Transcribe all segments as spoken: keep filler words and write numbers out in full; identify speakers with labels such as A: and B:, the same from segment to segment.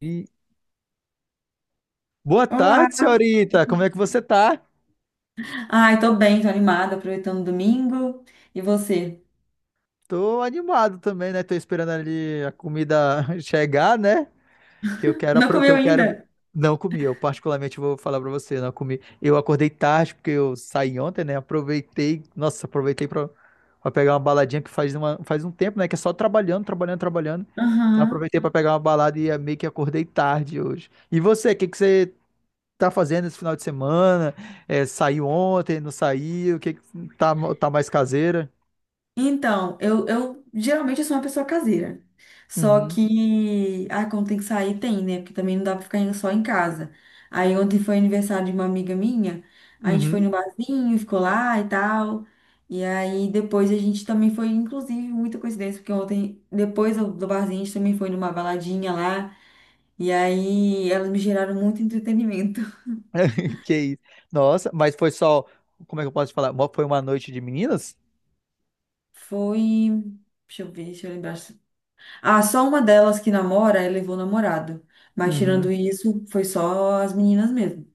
A: E- Boa
B: Olá!
A: tarde, senhorita. Como é que você tá?
B: Ai, tô bem, tô animada, aproveitando o domingo. E você?
A: Tô animado também, né? Tô esperando ali a comida chegar, né? Que eu quero,
B: Não
A: apro- que
B: comeu
A: eu quero.
B: ainda?
A: Não comi, eu particularmente vou falar pra você, não comi. Eu acordei tarde porque eu saí ontem, né? Aproveitei, nossa, aproveitei pra, pra pegar uma baladinha que faz, uma, faz um tempo, né? Que é só trabalhando, trabalhando, trabalhando. Então
B: Aham.
A: aproveitei pra pegar uma balada e é meio que acordei tarde hoje. E você, o que que você tá fazendo esse final de semana? É, saiu ontem, não saiu? O que que tá, tá mais caseira?
B: Então, eu, eu geralmente eu sou uma pessoa caseira. Só
A: Uhum,
B: que, ah, quando tem que sair, tem, né? Porque também não dá pra ficar em- só em casa. Aí ontem foi aniversário de uma amiga minha, a gente foi
A: uhum.
B: no barzinho, ficou lá e tal. E aí depois a gente também foi, inclusive, muita coincidência, porque ontem, depois do do barzinho, a gente também foi numa baladinha lá. E aí elas me geraram muito entretenimento.
A: Que isso. Nossa, mas foi só, como é que eu posso falar? Mo- Foi uma noite de meninas?
B: Foi. Deixa eu ver, deixa eu lembrar. Ah, só uma delas que namora, ela levou namorado. Mas tirando
A: Uhum.
B: isso, foi só as meninas mesmo.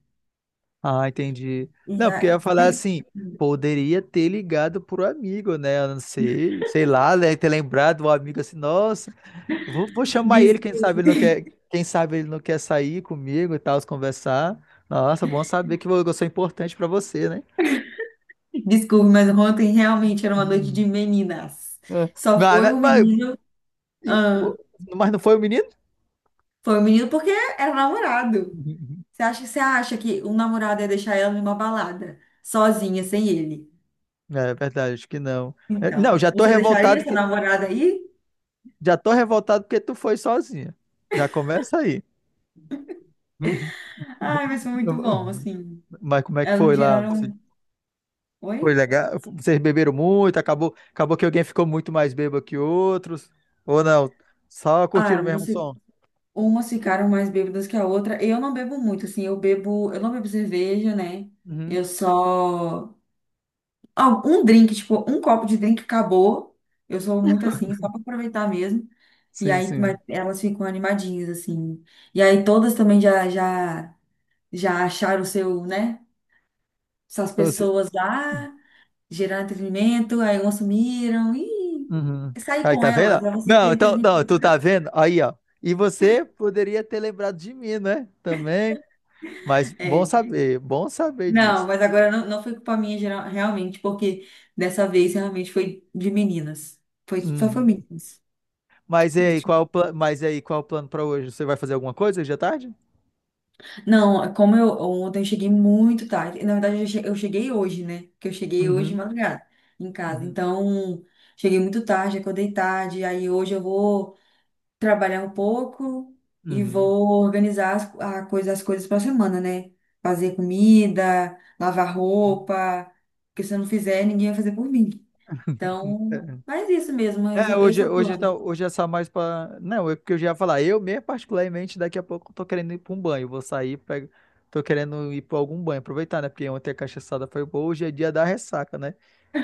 A: Ah, entendi.
B: E
A: Não, porque eu ia
B: aí,
A: falar
B: aí-
A: assim, poderia ter ligado pro amigo, né? Eu não sei, sei lá, né? Ter lembrado o amigo assim, nossa, eu vou, vou chamar ele,
B: des-
A: quem sabe ele não quer, quem sabe ele não quer sair comigo e tal, se conversar. Nossa, bom saber que eu sou importante pra você, né?
B: desculpe, mas ontem realmente era uma noite de
A: Hum.
B: meninas.
A: É.
B: Só
A: Mas,
B: foi
A: mas,
B: o
A: mas
B: menino.
A: e,
B: Ah,
A: pô, mas não foi o menino?
B: foi o menino porque era namorado.
A: Uhum.
B: Você acha, você acha que um namorado ia deixar ela numa balada, sozinha, sem ele?
A: É verdade, acho que não. É, Não,
B: Então,
A: já tô
B: você deixaria
A: revoltado
B: essa
A: que
B: namorada aí?
A: já tô revoltado porque tu foi sozinha. Já começa aí.
B: Ai, mas foi muito bom,
A: Uhum.
B: assim.
A: Mas como é que foi
B: Elas
A: lá? Você-
B: geraram. Oi?
A: Foi legal? Vocês beberam muito? Acabou, acabou que alguém ficou muito mais bêbado que outros? Ou não? Só
B: Ah,
A: curtiram o
B: umas
A: mesmo
B: fi-
A: som?
B: umas ficaram mais bêbadas que a outra. Eu não bebo muito, assim, eu bebo. Eu não bebo cerveja, né?
A: Uhum.
B: Eu só. Ah, um drink, tipo, um copo de drink acabou. Eu sou muito assim, só pra aproveitar mesmo. E
A: Sim,
B: aí, mas
A: sim.
B: elas ficam animadinhas, assim. E aí todas também já, já, já acharam o seu, né? Essas pessoas lá, geraram entretenimento, aí umas sumiram. Ih,
A: Uhum.
B: sair
A: Aí,
B: com
A: tá vendo?
B: elas, elas
A: Não, então, não, tu tá vendo? Aí, ó. E você poderia ter lembrado de mim, né? Também. Mas
B: é.
A: bom saber, bom saber
B: Não,
A: disso.
B: mas agora não, não foi culpa minha geral, realmente, porque dessa vez realmente foi de meninas. Foi, só foi
A: Uhum.
B: meninas.
A: Mas e
B: Não,
A: aí,
B: tinha-
A: qual é o plano? Mas e aí, qual é o plano para hoje? Você vai fazer alguma coisa hoje à tarde?
B: não, como eu ontem eu cheguei muito tarde. Na verdade, eu che- eu cheguei hoje, né? Que eu cheguei hoje de
A: Uhum,
B: madrugada em casa.
A: uhum,
B: Então, cheguei muito tarde, acordei tarde. Aí hoje eu vou trabalhar um pouco e
A: uhum.
B: vou organizar as, a coisa, as coisas para semana, né? Fazer comida, lavar roupa. Porque se eu não fizer, ninguém vai fazer por mim. Então,
A: É,
B: faz isso mesmo, esse,
A: é,
B: é esse
A: hoje,
B: é o
A: hoje então,
B: plano.
A: hoje é só mais pra. Não, é porque eu já ia falar. Eu mesmo, particularmente, daqui a pouco eu tô querendo ir pra um banho. Vou sair, pra... tô querendo ir pra algum banho, aproveitar, né? Porque ontem a cachaçada foi boa, hoje é dia da ressaca, né?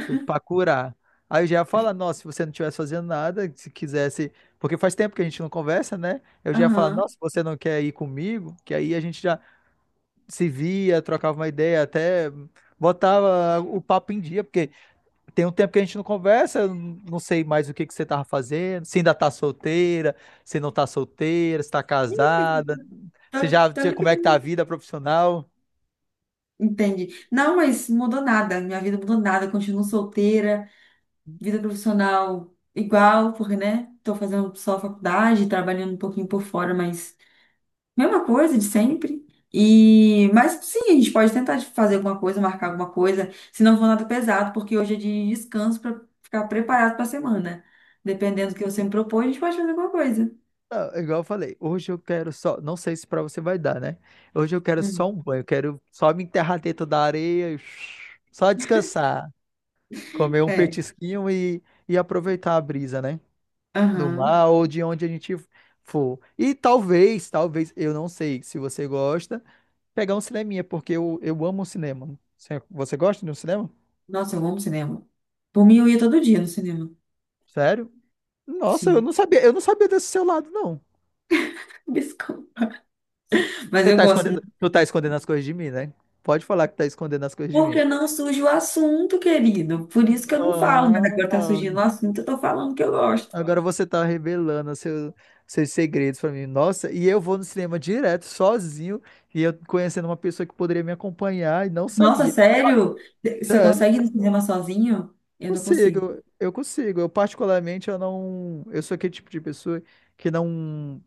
A: Foi Pra curar. Aí eu já ia falar, nossa, se você não estivesse fazendo nada, se quisesse, porque faz tempo que a gente não conversa, né? Eu já ia falar,
B: Aham.
A: nossa, você não quer ir comigo? Que aí a gente já se via, trocava uma ideia, até botava o papo em dia, porque tem um tempo que a gente não conversa, eu não sei mais o que que você tava fazendo, se ainda tá solteira, se não tá solteira, se tá casada,
B: Tô,
A: se já,
B: tô
A: como é que
B: ligada.
A: tá a vida profissional?
B: Entendi. Não, mas mudou nada. Minha vida mudou nada. Continuo solteira, vida profissional igual, porque, né? Tô fazendo só faculdade, trabalhando um pouquinho por fora, mas mesma coisa de sempre. E, mas sim, a gente pode tentar de fazer alguma coisa, marcar alguma coisa, se não for nada pesado, porque hoje é de descanso para ficar preparado para a semana. Dependendo do que você me propõe, a gente pode fazer alguma coisa.
A: Não, é igual eu falei, hoje eu quero só, não sei se pra você vai dar, né? Hoje eu quero só
B: Hum.
A: um banho, eu quero só me enterrar dentro da areia, e só descansar, comer um
B: É.
A: petisquinho e, e aproveitar a brisa, né? Do
B: Aham.
A: mar ou de onde a gente for. E talvez, talvez, eu, não sei se você gosta, pegar um cineminha, porque eu, eu amo cinema. Você você gosta de um cinema?
B: Nossa, eu amo cinema. Por mim, eu ia todo dia no cinema.
A: Sério? Nossa, eu
B: Sim,
A: não sabia, eu não sabia desse seu lado, não.
B: biscoito. Mas
A: Você
B: eu
A: tá
B: gosto
A: escondendo, tu tá
B: muito.
A: escondendo as coisas de mim, né? Pode falar que tá escondendo as coisas de mim.
B: Porque não surge o assunto, querido. Por isso que eu não falo, mas agora tá surgindo
A: Ah,
B: o assunto, eu tô falando que eu gosto.
A: agora você tá revelando seu- seus segredos pra mim. Nossa, e eu vou no cinema direto, sozinho, e eu conhecendo uma pessoa que poderia me acompanhar e não
B: Nossa,
A: sabia.
B: sério? Você
A: Sério.
B: consegue ir no cinema sozinho? Eu não consigo.
A: Consigo, eu consigo. Eu particularmente eu não, eu sou aquele tipo de pessoa que não,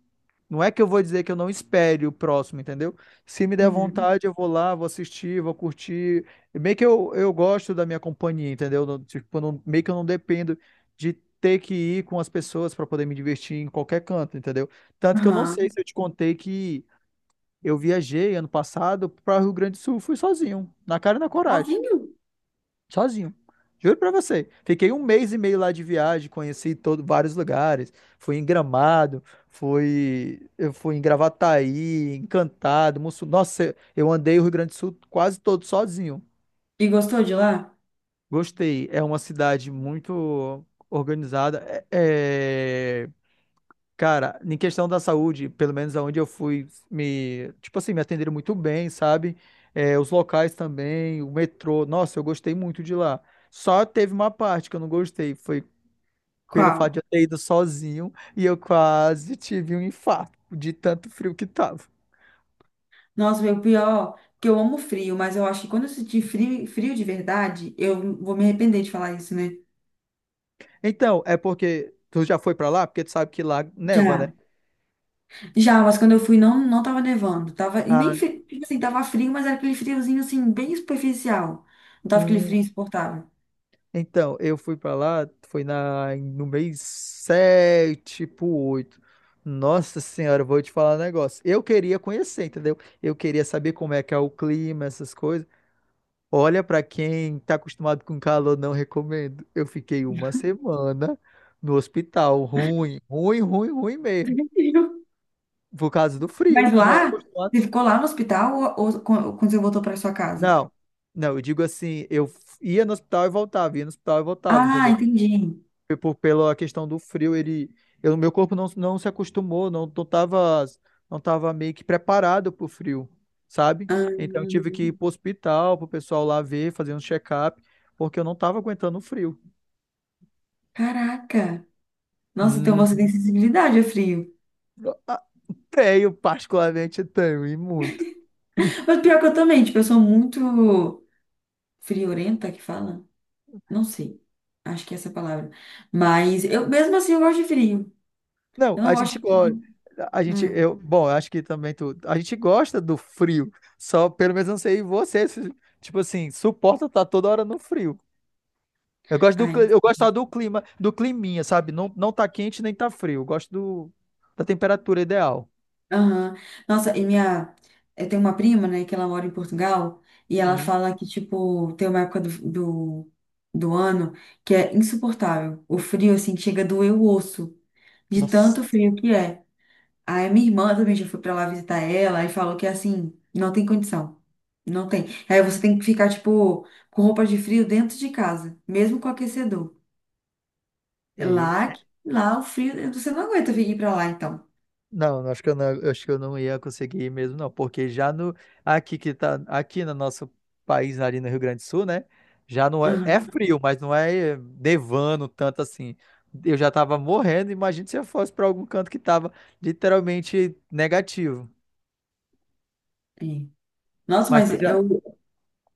A: não é que eu vou dizer que eu não espere o próximo, entendeu? Se me der
B: Uhum.
A: vontade, eu vou lá, vou assistir, vou curtir. Meio que eu, eu gosto da minha companhia, entendeu? Não- Tipo, eu não, meio que eu não dependo de ter que ir com as pessoas para poder me divertir em qualquer canto, entendeu? Tanto que eu não sei
B: Aham.
A: se eu te contei que eu viajei ano passado para o Rio Grande do Sul, fui sozinho, na cara e na coragem.
B: Sozinho?
A: Sozinho. Juro pra você. Fiquei um mês e meio lá de viagem, conheci todo, vários lugares. Fui em Gramado, fui, eu fui em Gravataí, Encantado, Mussum. Nossa, eu andei o Rio Grande do Sul quase todo sozinho.
B: E gostou de lá?
A: Gostei. É uma cidade muito organizada. É, é, cara, em questão da saúde, pelo menos aonde eu fui, me, tipo assim, me atenderam muito bem, sabe? É, os locais também, o metrô, nossa, eu gostei muito de lá. Só teve uma parte que eu não gostei, foi pelo fato de
B: Qual?
A: eu ter ido sozinho e eu quase tive um infarto de tanto frio que tava.
B: Nossa, meu pior, que eu amo frio, mas eu acho que quando eu sentir frio, frio de verdade, eu vou me arrepender de falar isso, né?
A: Então, é porque tu já foi pra lá, porque tu sabe que lá neva,
B: Já.
A: né?
B: Já, mas quando eu fui não, não tava nevando. Tava, e nem,
A: Ah,
B: fri- tipo assim, tava frio, mas era aquele friozinho, assim, bem superficial. Não tava aquele
A: hum.
B: frio insuportável.
A: Então, eu fui pra lá, foi na, no mês sete pro oito. Nossa senhora, eu vou te falar um negócio. Eu queria conhecer, entendeu? Eu queria saber como é que é o clima, essas coisas. Olha, pra quem tá acostumado com calor, não recomendo. Eu fiquei uma semana no hospital, ruim, ruim, ruim, ruim mesmo, por causa do
B: Mas
A: frio, não era
B: lá,
A: acostumado.
B: você ficou lá no hospital ou, ou quan- quando você voltou para sua casa?
A: Não, não, eu digo assim, eu ia no hospital e voltava, ia no hospital e voltava,
B: Ah,
A: entendeu?
B: entendi.
A: por, pela questão do frio, ele, eu, meu corpo não, não se acostumou, não, não tava, não tava meio que preparado pro frio, sabe?
B: Ah,
A: Então eu tive que ir pro hospital, pro pessoal lá ver, fazer um check-up, porque eu não tava aguentando o frio.
B: caraca. Nossa, então
A: Hum,
B: você tem sensibilidade a frio.
A: ah, tenho, particularmente tenho, e muito.
B: Mas pior que eu também, tipo, eu sou muito friorenta que fala? Não sei. Acho que é essa a palavra. Mas eu mesmo assim eu gosto de frio.
A: Não,
B: Eu
A: a
B: não
A: gente
B: gosto.
A: gosta, a gente,
B: Hum.
A: eu, bom, eu acho que também tu, a gente gosta do frio, só pelo menos eu não sei você, se, tipo assim, suporta estar toda hora no frio. Eu gosto do,
B: Ai,
A: cli- eu gosto só do clima, do climinha, sabe? Não, não tá quente nem tá frio. Eu gosto do, da temperatura ideal.
B: aham. Nossa, e minha. Eu tenho uma prima, né, que ela mora em Portugal, e ela
A: Uhum.
B: fala que, tipo, tem uma época do, do, do ano que é insuportável. O frio, assim, que chega a doer o osso, de
A: Nossa.
B: tanto frio que é. Aí minha irmã também já foi pra lá visitar ela e falou que, assim, não tem condição. Não tem. Aí você tem que ficar, tipo, com roupa de frio dentro de casa, mesmo com aquecedor.
A: E-
B: Lá, lá o frio, você não aguenta vir pra lá, então.
A: não, acho que eu não, acho que eu não, ia conseguir ir mesmo, não, porque já no aqui que tá aqui no nosso país ali no Rio Grande do Sul, né? Já não é, é
B: Aham.
A: frio, mas não é nevando tanto assim. Eu já tava morrendo, imagina se eu fosse pra algum canto que tava literalmente negativo.
B: É. Nossa,
A: Mas
B: mas
A: tu já.
B: eu.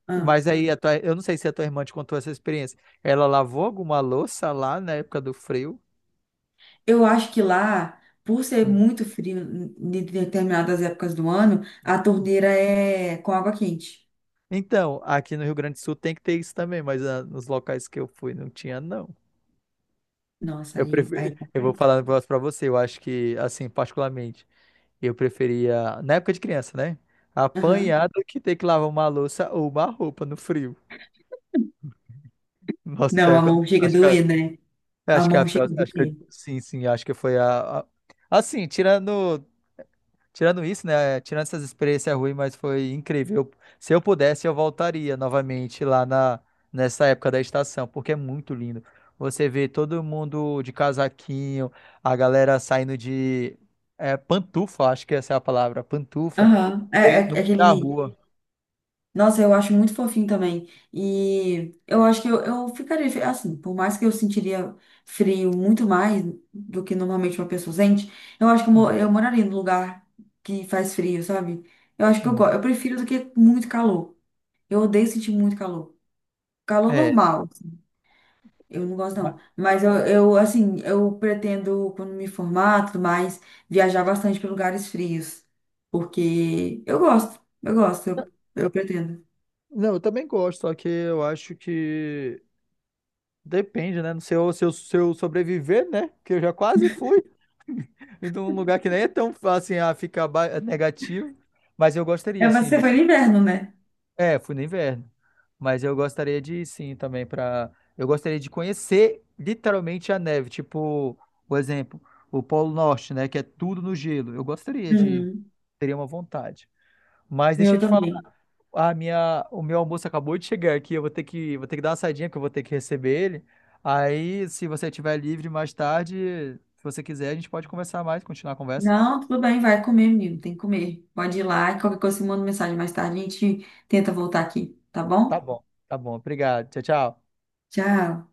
B: Ah.
A: Mas aí, a tua- eu não sei se a tua irmã te contou essa experiência. Ela lavou alguma louça lá na época do frio?
B: Eu acho que lá, por ser
A: Hum.
B: muito frio em em determinadas épocas do ano, a torneira é com água quente.
A: Então, aqui no Rio Grande do Sul tem que ter isso também, mas ah, nos locais que eu fui não tinha, não.
B: Nossa,
A: Eu
B: aí,
A: prefiro,
B: aí
A: eu vou
B: complica.
A: falar um negócio pra você, eu acho que, assim, particularmente, eu preferia, na época de criança, né?
B: Aham.
A: Apanhar do que ter que lavar uma louça ou uma roupa no frio. Nossa,
B: Não, a
A: eu
B: mão chega a
A: acho que, a-
B: doer, né? A
A: acho que é a
B: mão chega
A: pior,
B: a
A: acho que, eu-
B: doer.
A: sim, sim, acho que foi a, a- assim, tirando Tirando isso, né? Tirando essas experiências ruins, mas foi incrível. Se eu pudesse, eu voltaria novamente lá na, nessa época da estação, porque é muito lindo. Você vê todo mundo de casaquinho, a galera saindo de é, pantufa, acho que essa é a palavra, pantufa,
B: Aham. É,
A: meio
B: é-
A: no
B: é
A: meio da
B: aquele.
A: rua.
B: Nossa, eu acho muito fofinho também. E eu acho que eu, eu ficaria fe- assim, por mais que eu sentiria frio muito mais do que normalmente uma pessoa sente, eu acho que eu,
A: Hum,
B: mo- eu moraria num lugar que faz frio, sabe? Eu acho que eu, go-
A: hum.
B: eu prefiro do que muito calor. Eu odeio sentir muito calor. Calor
A: É.
B: normal, eu não gosto
A: ma-
B: não. Mas eu, eu, assim, eu pretendo, quando me formar, tudo mais, viajar bastante para lugares frios. Porque eu gosto, eu gosto, eu, eu pretendo.
A: Não, eu também gosto, só que eu acho que depende, né? No seu, seu, seu sobreviver, né? Que eu já quase fui. E de um lugar que nem é tão fácil assim, a ficar ba- é negativo, mas eu
B: É,
A: gostaria,
B: mas
A: assim,
B: você
A: de.
B: foi no inverno, né?
A: É, fui no inverno. Mas eu gostaria de ir, sim, também para. Eu gostaria de conhecer literalmente a neve. Tipo, por exemplo, o Polo Norte, né? Que é tudo no gelo. Eu gostaria de ir.
B: Uhum.
A: Teria uma vontade. Mas deixa eu
B: Eu
A: te falar,
B: também.
A: a minha, o meu almoço acabou de chegar aqui. Eu vou ter que, vou ter que dar uma saidinha, que eu vou ter que receber ele. Aí, se você estiver livre mais tarde, se você quiser, a gente pode conversar mais, continuar a conversa.
B: Não, tudo bem, vai comer, menino, tem que comer. Pode ir lá, qualquer coisa, você manda mensagem mais tarde, a gente tenta voltar aqui, tá
A: Tá
B: bom?
A: bom, tá bom. Obrigado. Tchau, tchau.
B: Tchau.